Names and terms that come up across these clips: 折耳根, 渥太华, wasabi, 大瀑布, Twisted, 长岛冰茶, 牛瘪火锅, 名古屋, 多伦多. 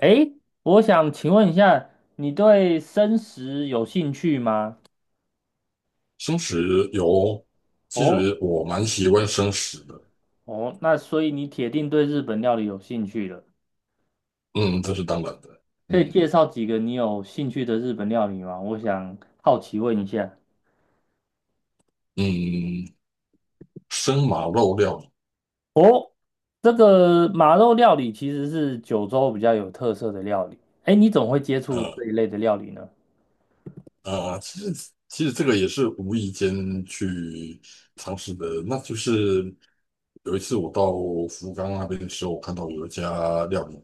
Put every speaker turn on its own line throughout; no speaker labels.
诶，我想请问一下，你对生食有兴趣吗？
生食有，其
哦
实我蛮喜欢生食的。
哦，那所以你铁定对日本料理有兴趣了。
嗯，这是当然的。
可以介
嗯
绍几个你有兴趣的日本料理吗？我想好奇问一下，
嗯，生马肉料理。
这个马肉料理其实是九州比较有特色的料理。诶，你怎么会接触
呃。
这一类的料理呢？
啊，其实这个也是无意间去尝试的。那就是有一次我到福冈那边的时候，我看到有一家料理，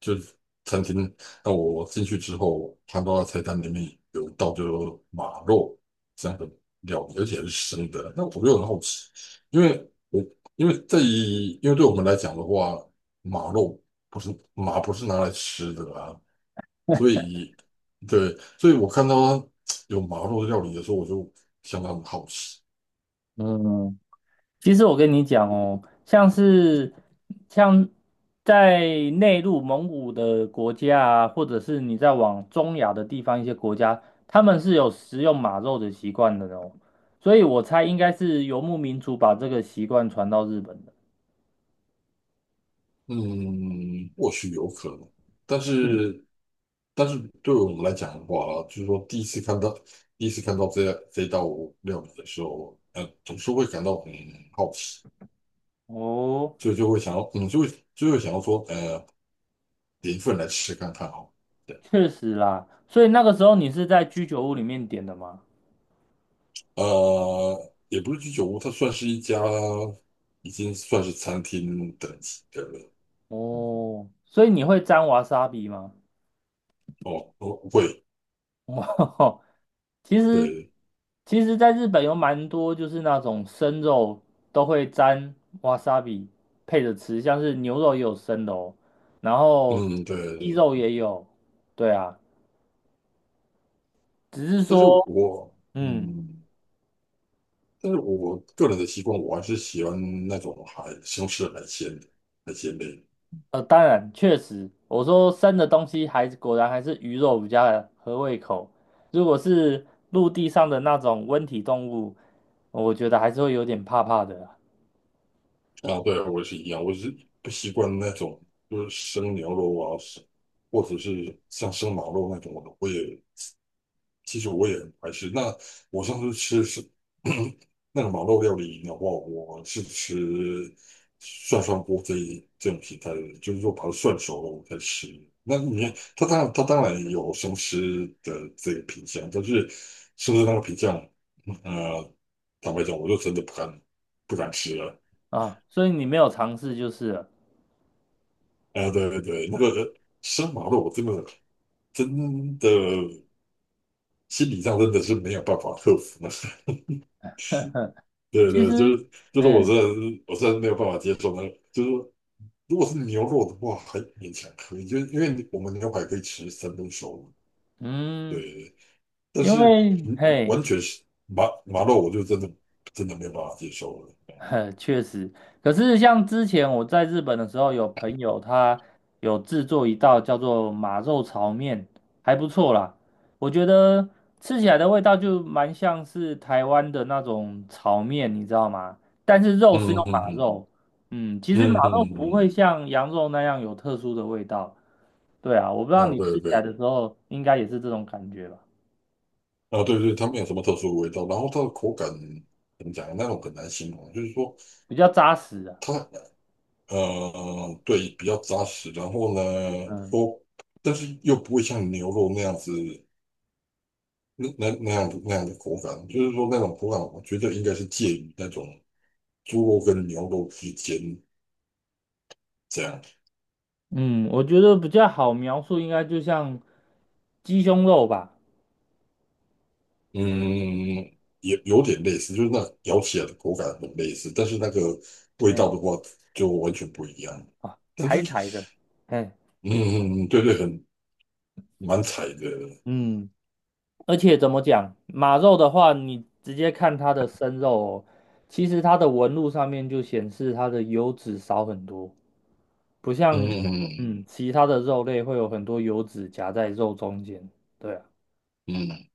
就是餐厅。那我进去之后，看到菜单里面有一道就是马肉这样的料理，而且是生的。那我就很好奇，因为我因为对我们来讲的话，马肉不是拿来吃的啊。所以，对，所以我看到有麻肉料理的时候，我就相当的好奇。
嗯，其实我跟你讲哦，像是像在内陆蒙古的国家啊，或者是你在往中亚的地方一些国家，他们是有食用马肉的习惯的哦，所以我猜应该是游牧民族把这个习惯传到日本的。
嗯，或许有可能，但
嗯，
是但是对我们来讲的话，就是说第一次看到这道料理的时候，总是会感到很好奇，
哦，
所以就会想要，就会想要说，点一份来吃看看哦。对。
确实啦，所以那个时候你是在居酒屋里面点的吗？
也不是居酒屋，它算是一家已经算是餐厅等级的了。
哦，所以你会沾瓦萨比吗？
哦，哦，会，
哇，其实
对，
其实在日本有蛮多就是那种生肉都会沾 wasabi 配着吃，像是牛肉也有生的哦，然后
嗯，
鸡
对。
肉也有，对啊，只是
但是
说，
我
嗯，
嗯，但是我个人的习惯，我还是喜欢那种海西红柿海鲜的海鲜类
当然确实，我说生的东西还是果然还是鱼肉比较合胃口，如果是陆地上的那种温体动物，我觉得还是会有点怕怕的啦。
啊。对，我也是一样，我是不习惯那种就是生牛肉啊，或者是像生马肉那种，我也其实我也很排斥。那我上次吃是 那个马肉料理的话，我是吃涮涮锅这种形态的，就是说把它涮熟了我才吃。那你
哦
它当然有生吃的这个品相，但是生吃那个品相，呃，坦白讲，我就真的不敢吃了。
啊，所以你没有尝试就是了。
啊，对对对，那个生马肉我真的心理上真的是没有办法克服呢。对
其
对，就
实，
是就是，我真
嗯
的是我真的没有办法接受那个。就是说如果是牛肉的话，还勉强可以，就是因为我们牛排可以吃三不熟。对，
嗯，
对，但
因
是
为
嗯，
嘿，
完全是麻肉，我就真的没有办法接受了。
呵，确实，可是像之前我在日本的时候，有朋友他有制作一道叫做马肉炒面，还不错啦。我觉得吃起来的味道就蛮像是台湾的那种炒面，你知道吗？但是肉是
嗯
用
嗯
马
嗯
肉，嗯，其实马
嗯嗯
肉不会
嗯
像羊肉那样有特殊的味道。对啊，我不知道
嗯，啊
你吃
对
起来
对
的时候应该也是这种感觉吧，
啊对对，它没有什么特殊的味道，然后它的口感怎么讲，那种很难形容，就是说
比较扎实啊。
它，对，比较扎实。然后呢，
嗯。
说但是又不会像牛肉那样子。那样的口感，就是说那种口感，我觉得应该是介于那种猪肉跟牛肉之间这样。
嗯，我觉得比较好描述，应该就像鸡胸肉吧，
嗯，也有点类似，就是那咬起来的口感很类似，但是那个味道的
哎，
话就完全不一样。
啊，
但是，
柴柴的，哎，
嗯，对对，蛮柴的。
嗯，而且怎么讲，马肉的话，你直接看它的生肉哦，其实它的纹路上面就显示它的油脂少很多，不像
嗯
其他的肉类会有很多油脂夹在肉中间，对啊，
嗯嗯，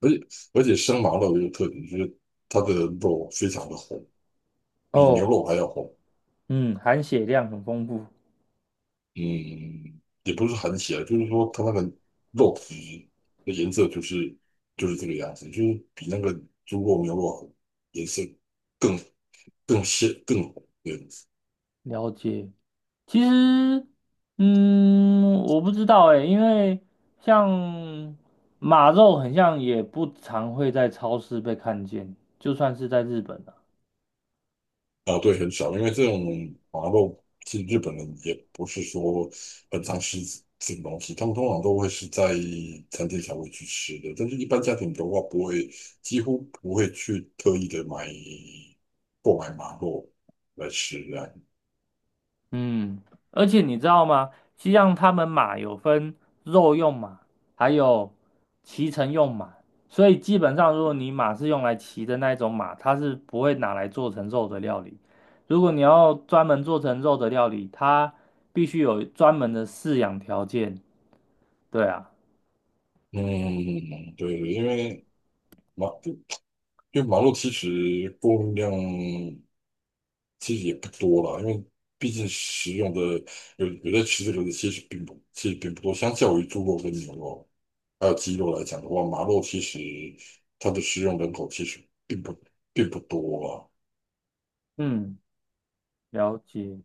而且而且生麻肉有个特点，就是它的肉非常的红，比牛
哦，
肉还要红。
嗯，含血量很丰富，
嗯，也不是很起来，就是说它那个肉质的颜色就是这个样子，就是比那个猪肉、牛肉颜色更更鲜更红这样子。
了解。其实，嗯，我不知道哎，因为像马肉，很像也不常会在超市被看见，就算是在日本啊。
啊，对，很少，因为这种麻肉，其实日本人也不是说很常吃这种东西，他们通常都会是在餐厅才会去吃的，但是一般家庭的话，不会，几乎不会去特意的购买麻肉来吃这样。
嗯，而且你知道吗？西藏他们马有分肉用马，还有骑乘用马，所以基本上如果你马是用来骑的那一种马，它是不会拿来做成肉的料理。如果你要专门做成肉的料理，它必须有专门的饲养条件。对啊。
嗯，对，因为马，就马路其实供应量其实也不多了，因为毕竟食用的有在吃这个的其实并不多，相较于猪肉跟牛肉还有鸡肉来讲的话，马肉其实它的食用人口其实并不多啊。
嗯，了解。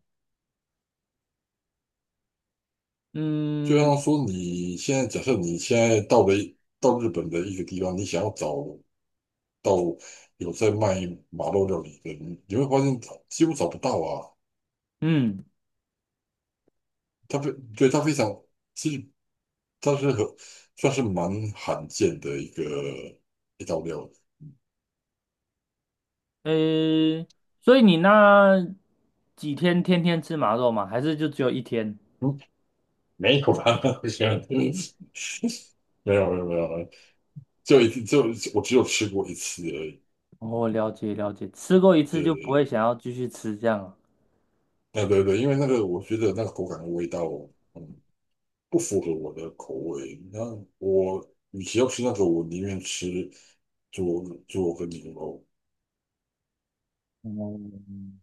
就
嗯
像说你现在假设你现在到日本的一个地方，你想要找到有在卖马肉料理的，你会发现几乎找不到啊。
嗯，
它非对，它非常，其实它算是蛮罕见的一道料理。
诶，所以你那几天天天吃马肉吗？还是就只有一天？
没有，没有，没有，没有，就一次，我只有吃过一次而已。
哦，了解了解，吃过一次就不会
对，
想要继续吃这样啊。
对对对对，因为那个我觉得那个口感的味道，嗯，不符合我的口味。那我与其要吃那个，我宁愿吃猪肉跟牛肉。
嗯，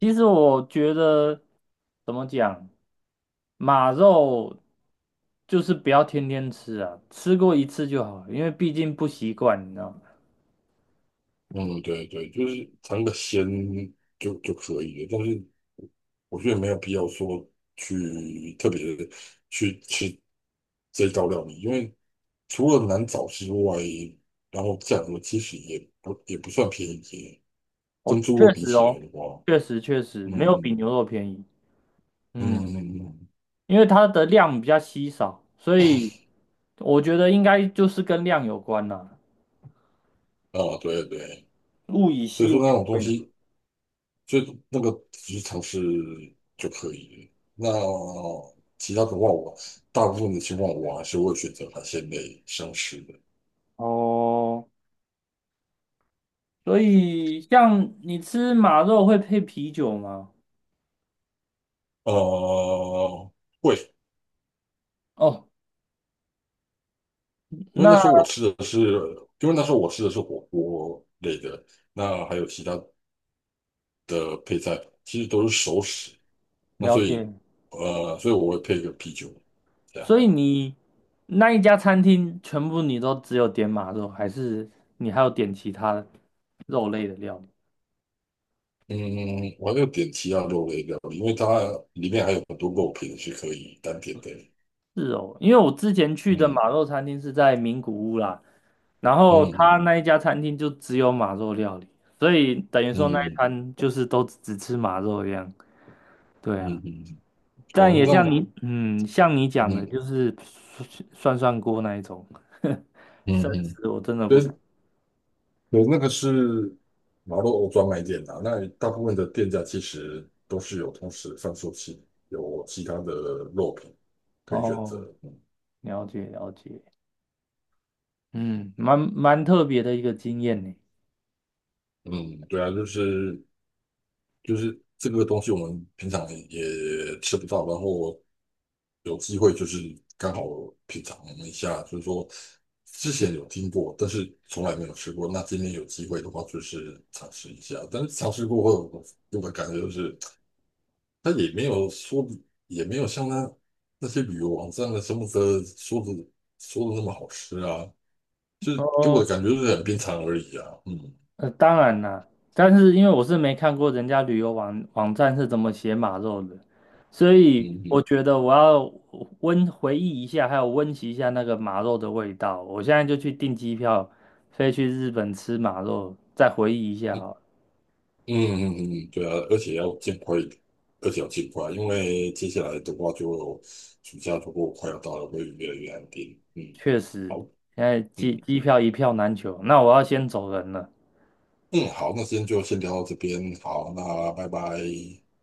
其实我觉得怎么讲，马肉就是不要天天吃啊，吃过一次就好了，因为毕竟不习惯，你知道吗？
嗯，对对，就是尝个鲜就可以了，但是我觉得没有必要说去特别地去吃这道料理，因为除了难找之外，然后价格其实也不算便宜，跟
哦，
猪
确
肉比
实
起来
哦，
的话。
确实
嗯
没有比
嗯
牛肉便宜。
嗯
嗯。
嗯嗯，
因为它的量比较稀少，所以我觉得应该就是跟量有关啦。
啊，对对，
物以
所以
稀为
说那种东
贵。
西所以那个只是尝试就可以了。那其他的话我，大部分的情况我还是会选择海鲜类生吃的。
哦，所以像你吃马肉会配啤酒吗？
呃，会。
哦，
因为那时候
那
我吃的是，因为那时候我吃的是火锅类的，那还有其他的配菜，其实都是熟食。那
了
所
解。
以，呃，所以我会配一个啤酒，这
所
样。
以你那一家餐厅全部你都只有点马肉，还是你还有点其他肉类的料理？
嗯，我还有点其他肉类料理，因为它里面还有很多肉品是可以单点的。
是哦，因为我之前去的马
嗯
肉餐厅是在名古屋啦，然
嗯。
后他
嗯
那一家餐厅就只有马肉料理，所以等于说那一
嗯
餐就是都只吃马肉一样。对
嗯
啊，
嗯，嗯，
但
哦，
也像
那，
你，嗯，像你讲的，
嗯
就是涮涮锅那一种，生
嗯嗯，
食我真的
对，
不敢。
所以那个是马路欧专卖店啊，那大部分的店家其实都是有同时贩售有其他的肉品可以选择。
哦，了解了解，嗯，蛮蛮特别的一个经验呢。
嗯，对啊，就是这个东西我们平常也吃不到，然后有机会就是刚好品尝一下，就是说之前有听过，但是从来没有吃过。那今天有机会的话，就是尝试一下。但是尝试过后，给我的感觉就是，它也没有说，也没有像那些旅游网站的什么的说的那么好吃啊，就是给我的
哦
感觉就是很平常而已啊。嗯
呃，当然啦，但是因为我是没看过人家旅游网站是怎么写马肉的，所以
嗯
我
嗯，
觉得我要温回忆一下，还有温习一下那个马肉的味道。我现在就去订机票，飞去日本吃马肉，再回忆一下哈。
嗯嗯嗯，嗯，对啊，而且要尽快，因为接下来的话就暑假如果快要到了，会越来越安定。嗯，
确实，
好。
现在机
嗯
机票一票难求，那我要先走人了。
嗯，好。那今天就先聊到这边。好，那拜拜。